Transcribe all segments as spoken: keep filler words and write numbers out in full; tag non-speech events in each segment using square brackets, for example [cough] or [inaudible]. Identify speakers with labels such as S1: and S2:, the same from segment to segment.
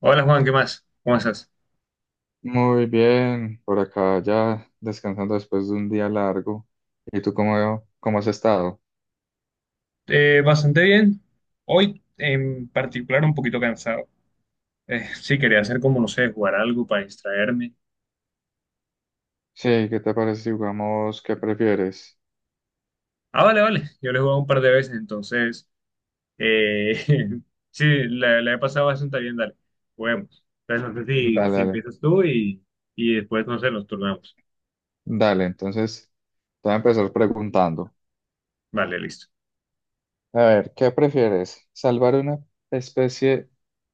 S1: Hola Juan, ¿qué más? ¿Cómo estás?
S2: Muy bien, por acá ya descansando después de un día largo. ¿Y tú cómo, cómo has estado?
S1: Eh, bastante bien. Hoy en particular un poquito cansado. Eh, [laughs] sí, quería hacer como, no sé, jugar algo para distraerme.
S2: Sí, ¿qué te parece si jugamos qué prefieres?
S1: Ah, vale, vale. Yo le he jugado un par de veces, entonces, eh, [laughs] sí, la, la he pasado bastante bien, dale. Juguemos. Entonces, no sé si,
S2: Dale,
S1: si
S2: dale,
S1: empiezas tú y, y después, no sé, nos turnamos.
S2: dale. Entonces, te voy a empezar preguntando.
S1: Vale, listo.
S2: A ver, ¿qué prefieres? ¿Salvar una especie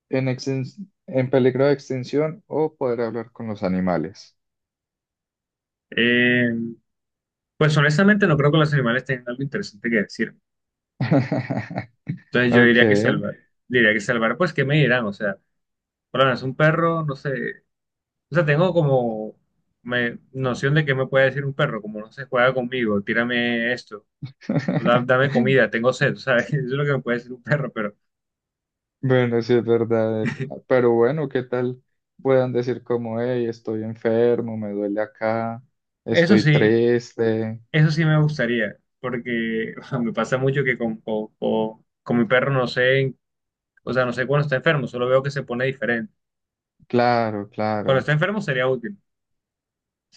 S2: en, extin- en peligro de extinción o poder hablar con los animales?
S1: Eh, pues honestamente no creo que los animales tengan algo interesante que decir.
S2: [laughs]
S1: Entonces yo
S2: Ok.
S1: diría que salvar, diría que salvar, pues, ¿qué me dirán? O sea, hola, es un perro, no sé, o sea, tengo como me- noción de qué me puede decir un perro, como no se juega conmigo, tírame esto, da- dame
S2: [laughs]
S1: comida, tengo sed, ¿sabes? [laughs] Eso es lo que me puede decir un perro, pero
S2: Bueno, sí es verdad, eh, pero bueno, ¿qué tal puedan decir como, hey, estoy enfermo, me duele acá,
S1: eso
S2: estoy
S1: sí,
S2: triste?
S1: eso sí me gustaría, porque [laughs] me pasa mucho que con, con, con- con mi perro, no sé, o sea, no sé cuando está enfermo, solo veo que se pone diferente.
S2: Claro,
S1: Cuando
S2: claro.
S1: está enfermo sería útil.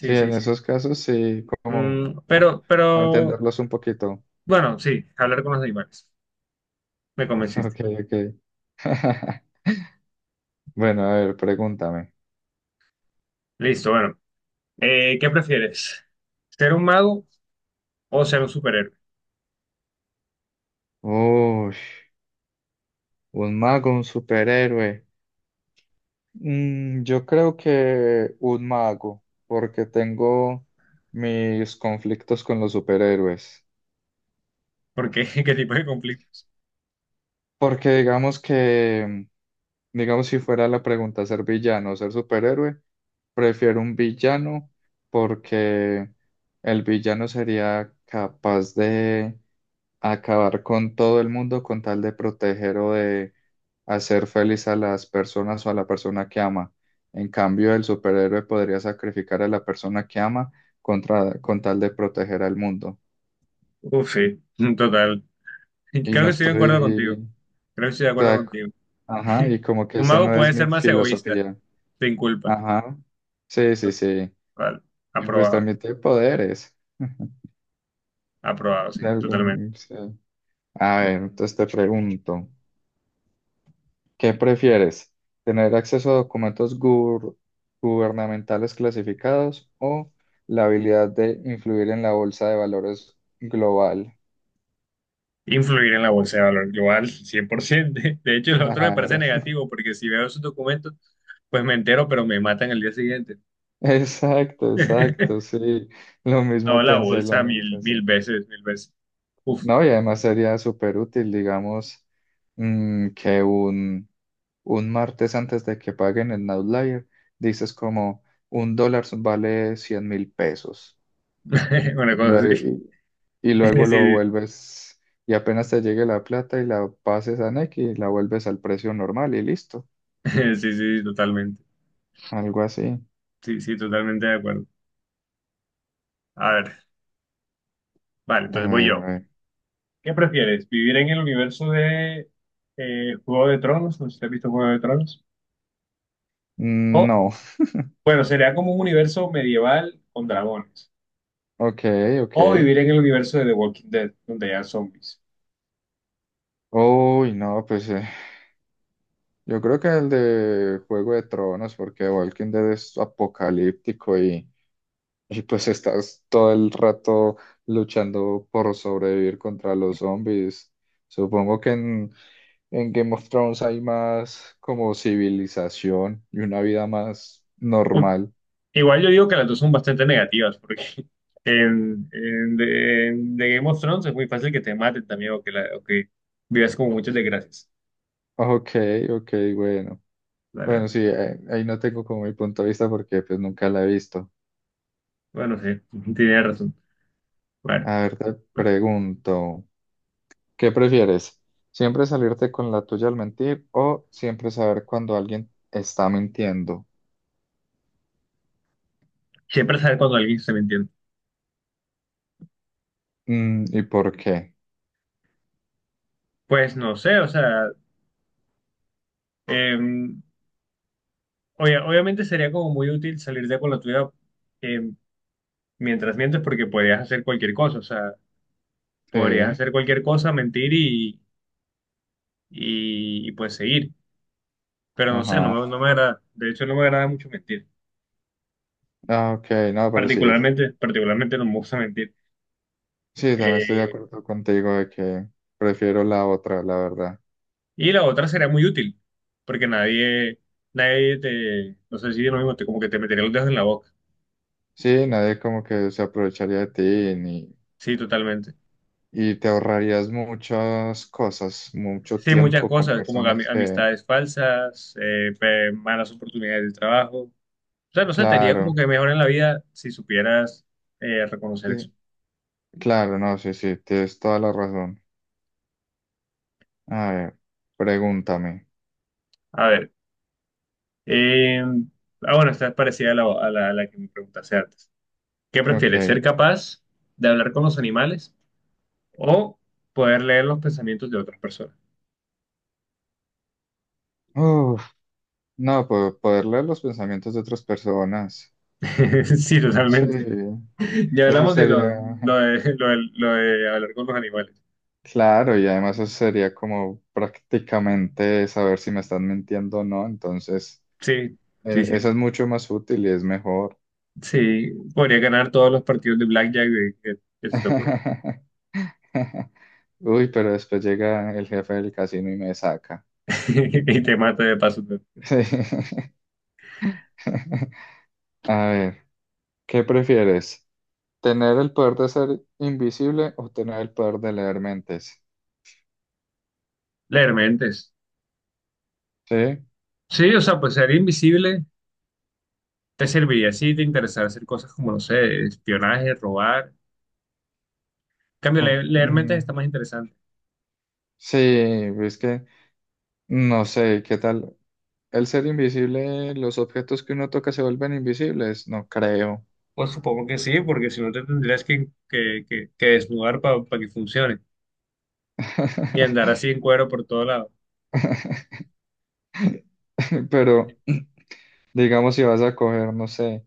S2: Sí,
S1: sí,
S2: en
S1: sí.
S2: esos casos sí, como
S1: Mm, pero,
S2: para
S1: pero,
S2: entenderlos un poquito.
S1: bueno, sí, hablar con los animales. Me
S2: [laughs]
S1: convenciste.
S2: Ok, ok. [laughs] Bueno, a ver, pregúntame.
S1: Listo, bueno. Eh, ¿qué prefieres? ¿Ser un mago o ser un superhéroe?
S2: Uy, un mago, un superhéroe. Mm, yo creo que un mago, porque tengo mis conflictos con los superhéroes.
S1: ¿Porque, [laughs] qué tipo de conflictos?
S2: Porque digamos que, digamos, si fuera la pregunta ser villano o ser superhéroe, prefiero un villano porque el villano sería capaz de acabar con todo el mundo con tal de proteger o de hacer feliz a las personas o a la persona que ama. En cambio, el superhéroe podría sacrificar a la persona que ama contra, con tal de proteger al mundo.
S1: Uf, sí, mm, total.
S2: Y
S1: Creo
S2: no
S1: que estoy de acuerdo contigo.
S2: estoy,
S1: Creo que estoy de
S2: o
S1: acuerdo
S2: sea,
S1: contigo.
S2: ajá,
S1: [laughs]
S2: y como que
S1: Un
S2: esa
S1: mago
S2: no
S1: puede
S2: es mi
S1: ser más egoísta,
S2: filosofía.
S1: sin culpa.
S2: Ajá. Sí, sí, sí.
S1: Vale,
S2: Y pues
S1: aprobado,
S2: también tiene poderes. [laughs]
S1: aprobado, sí,
S2: De
S1: totalmente.
S2: algún- sí. A ver, entonces te pregunto, ¿qué prefieres? ¿Tener acceso a documentos gur- gubernamentales clasificados o la habilidad de influir en la bolsa de valores global?
S1: Influir en la bolsa de valor global, cien por ciento. [laughs] De hecho, lo otro me parece
S2: Claro. [laughs]
S1: negativo, porque si veo esos documentos, pues me entero, pero me matan el día siguiente.
S2: Exacto, exacto,
S1: [laughs]
S2: sí. Lo
S1: No,
S2: mismo
S1: la
S2: pensé, lo
S1: bolsa
S2: mismo
S1: mil, mil
S2: pensé.
S1: veces, mil veces. Uf,
S2: No, y además sería súper útil, digamos, mm, que un un martes antes de que paguen el outlier, dices como un dólar vale cien mil pesos
S1: [laughs] una
S2: y
S1: cosa
S2: luego,
S1: así. [laughs]
S2: y, y
S1: Sí,
S2: luego
S1: sí,
S2: lo vuelves y apenas te llegue la plata y la pases a Nequi y la vuelves al precio normal y listo,
S1: sí, sí, totalmente.
S2: algo así.
S1: Sí, sí, totalmente de acuerdo. A ver, vale,
S2: A
S1: entonces voy
S2: ver, a
S1: yo.
S2: ver.
S1: ¿Qué prefieres? ¿Vivir en el universo de eh, Juego de Tronos? No sé si has visto Juego de Tronos.
S2: Mm,
S1: O,
S2: no, [laughs]
S1: bueno, sería como un universo medieval con dragones.
S2: ok, ok.
S1: O vivir en el universo de The Walking Dead, donde hay zombies.
S2: Uy, no, pues eh, yo creo que el de Juego de Tronos, porque Walking Dead es apocalíptico y... Y pues estás todo el rato luchando por sobrevivir contra los zombies. Supongo que en, en Game of Thrones hay más como civilización y una vida más
S1: Uh,
S2: normal.
S1: Igual yo digo que las dos son bastante negativas, porque [laughs] en, en, de, en The Game of Thrones es muy fácil que te maten también o que, la- o que vivas como muchas desgracias.
S2: Ok, ok, bueno.
S1: Vale,
S2: Bueno,
S1: vale.
S2: sí, eh, ahí no tengo como mi punto de vista porque pues nunca la he visto.
S1: Bueno, sí, [laughs] tienes razón. Bueno,
S2: A ver, te
S1: bueno,
S2: pregunto, ¿qué prefieres? ¿Siempre salirte con la tuya al mentir o siempre saber cuando alguien está mintiendo?
S1: siempre sabes cuando alguien se me.
S2: Mm, ¿y por qué?
S1: Pues no sé, o sea, eh, obvia- obviamente sería como muy útil salir de con la tuya, eh, mientras mientes, porque podrías hacer cualquier cosa, o sea, podrías
S2: Sí.
S1: hacer cualquier cosa, mentir y, y, y, pues seguir. Pero no sé, no
S2: Ajá.
S1: me, no me agrada, de hecho no me agrada mucho mentir,
S2: Ah, ok, no, pero sí.
S1: particularmente, particularmente no me gusta mentir.
S2: Sí, también estoy de
S1: Eh,
S2: acuerdo contigo de que prefiero la otra, la verdad.
S1: y la otra sería muy útil, porque nadie, nadie te, no sé si es lo mismo, te, como que te metería los dedos en la boca.
S2: Sí, nadie como que se aprovecharía de ti ni,
S1: Sí, totalmente.
S2: y te ahorrarías muchas cosas, mucho
S1: Sí, muchas
S2: tiempo con
S1: cosas, como
S2: personas
S1: ami-
S2: que,
S1: amistades falsas, eh, pe- malas oportunidades de trabajo. O sea, no sé, te haría como
S2: claro,
S1: que mejor en la vida si supieras eh, reconocer
S2: sí,
S1: eso.
S2: claro, no, sí, sí, tienes toda la razón. A ver, pregúntame.
S1: A ver, eh, ah, bueno, esta es parecida a la, a la, a la que me preguntaste antes. ¿Qué prefieres, ser
S2: Ok.
S1: capaz de hablar con los animales o poder leer los pensamientos de otras personas?
S2: Uf, no, po- poder leer los pensamientos de otras personas.
S1: [laughs] Sí,
S2: Sí,
S1: totalmente. Ya
S2: eso
S1: hablamos de lo, lo
S2: sería. [laughs]
S1: de, lo de- lo de hablar con los animales.
S2: Claro, y además eso sería como prácticamente saber si me están mintiendo o no, entonces
S1: Sí, sí,
S2: eh,
S1: sí.
S2: esa es mucho más útil y es mejor.
S1: Sí, podría ganar todos los partidos de Blackjack de- que, que se te ocurre.
S2: [laughs] Uy, pero después llega el jefe del casino y me saca.
S1: [laughs] Y te mata de paso, todo.
S2: Sí. [laughs] A ver, ¿qué prefieres? ¿Tener el poder de ser invisible o tener el poder de leer mentes?
S1: Leer mentes.
S2: Sí,
S1: Sí, o sea, pues ser invisible te serviría si te interesara hacer cosas como, no sé, espionaje, robar. En cambio,
S2: ok,
S1: leer, leer mentes está
S2: mm,
S1: más interesante.
S2: sí, es que no sé, ¿qué tal? El ser invisible, los objetos que uno toca se vuelven invisibles, no creo.
S1: Pues supongo que sí, porque si no te tendrías que, que, que- que desnudar para que funcione. Y andar
S2: [laughs]
S1: así en cuero por todo lado.
S2: Pero digamos si vas a coger, no sé,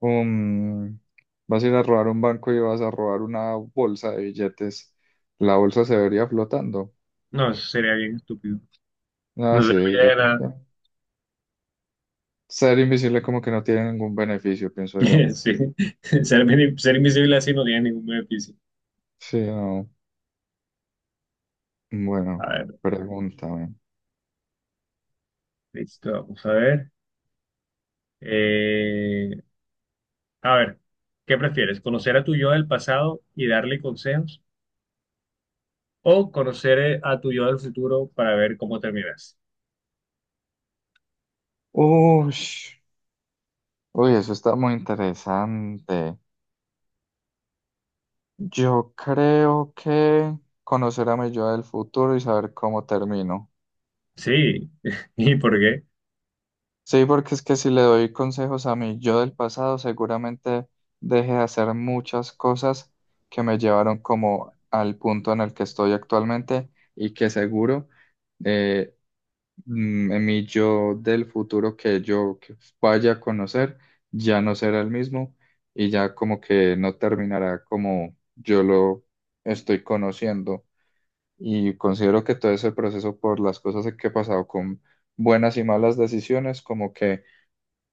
S2: un, vas a ir a robar un banco y vas a robar una bolsa de billetes, la bolsa se vería flotando.
S1: No, eso sería bien estúpido. No
S2: Ah, sí,
S1: serviría
S2: yo
S1: de
S2: creo que
S1: nada.
S2: ser invisible como que no tiene ningún beneficio, pienso yo.
S1: [laughs] Sí, ser, ser invisible así no tiene ningún beneficio.
S2: Sí, no.
S1: A
S2: Bueno,
S1: ver,
S2: pregúntame.
S1: listo, vamos a ver. Eh, a ver, ¿qué prefieres? ¿Conocer a tu yo del pasado y darle consejos? ¿O conocer, eh, a tu yo del futuro para ver cómo terminas?
S2: Uy, uy, eso está muy interesante. Yo creo que conocer a mi yo del futuro y saber cómo termino.
S1: Sí, [laughs] ¿y por qué?
S2: Sí, porque es que si le doy consejos a mi yo del pasado, seguramente deje de hacer muchas cosas que me llevaron como al punto en el que estoy actualmente y que seguro eh, mm, mi yo del futuro que yo que vaya a conocer ya no será el mismo y ya como que no terminará como yo lo estoy conociendo. Y considero que todo ese proceso por las cosas que he pasado con buenas y malas decisiones, como que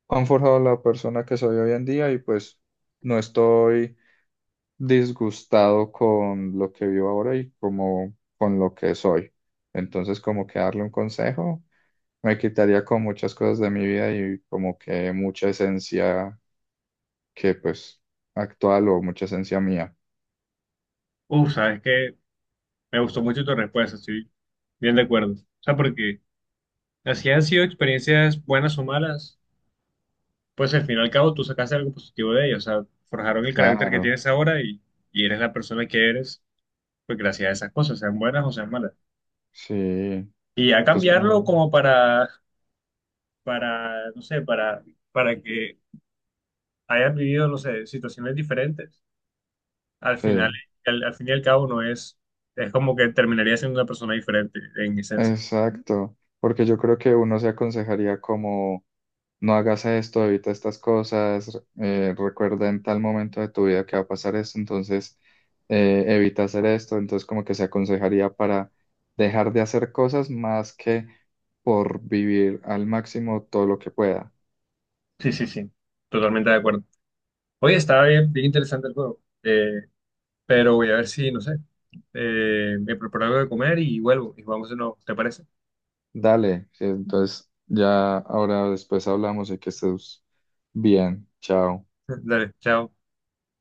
S2: han forjado la persona que soy hoy en día y pues no estoy disgustado con lo que vivo ahora y como con lo que soy. Entonces como que darle un consejo me quitaría con muchas cosas de mi vida y como que mucha esencia que pues actual o mucha esencia mía.
S1: Uf, sabes que me gustó mucho tu respuesta, estoy bien de acuerdo. O sea, porque así han sido experiencias buenas o malas, pues al fin y al cabo tú sacaste algo positivo de ellas, o sea, forjaron el carácter que
S2: Claro,
S1: tienes ahora y, y eres la persona que eres, pues gracias a esas cosas, sean buenas o sean malas.
S2: sí.
S1: Y a
S2: Entonces
S1: cambiarlo
S2: como,
S1: como para para, no sé, para, para que hayan vivido, no sé, situaciones diferentes. Al final,
S2: sí.
S1: al, al fin y al cabo, no es, es como que terminaría siendo una persona diferente en esencia.
S2: Exacto, porque yo creo que uno se aconsejaría como no hagas esto, evita estas cosas, eh, recuerda en tal momento de tu vida que va a pasar esto, entonces eh, evita hacer esto, entonces como que se aconsejaría para dejar de hacer cosas más que por vivir al máximo todo lo que pueda.
S1: Sí, sí, sí, totalmente de acuerdo. Oye, estaba bien, bien interesante el juego, eh, pero voy a ver si, no sé, eh, me preparo algo de comer y vuelvo y vamos de nuevo, ¿te parece?
S2: Dale, sí, entonces ya ahora después hablamos y que estés bien, chao.
S1: [laughs] Dale, chao.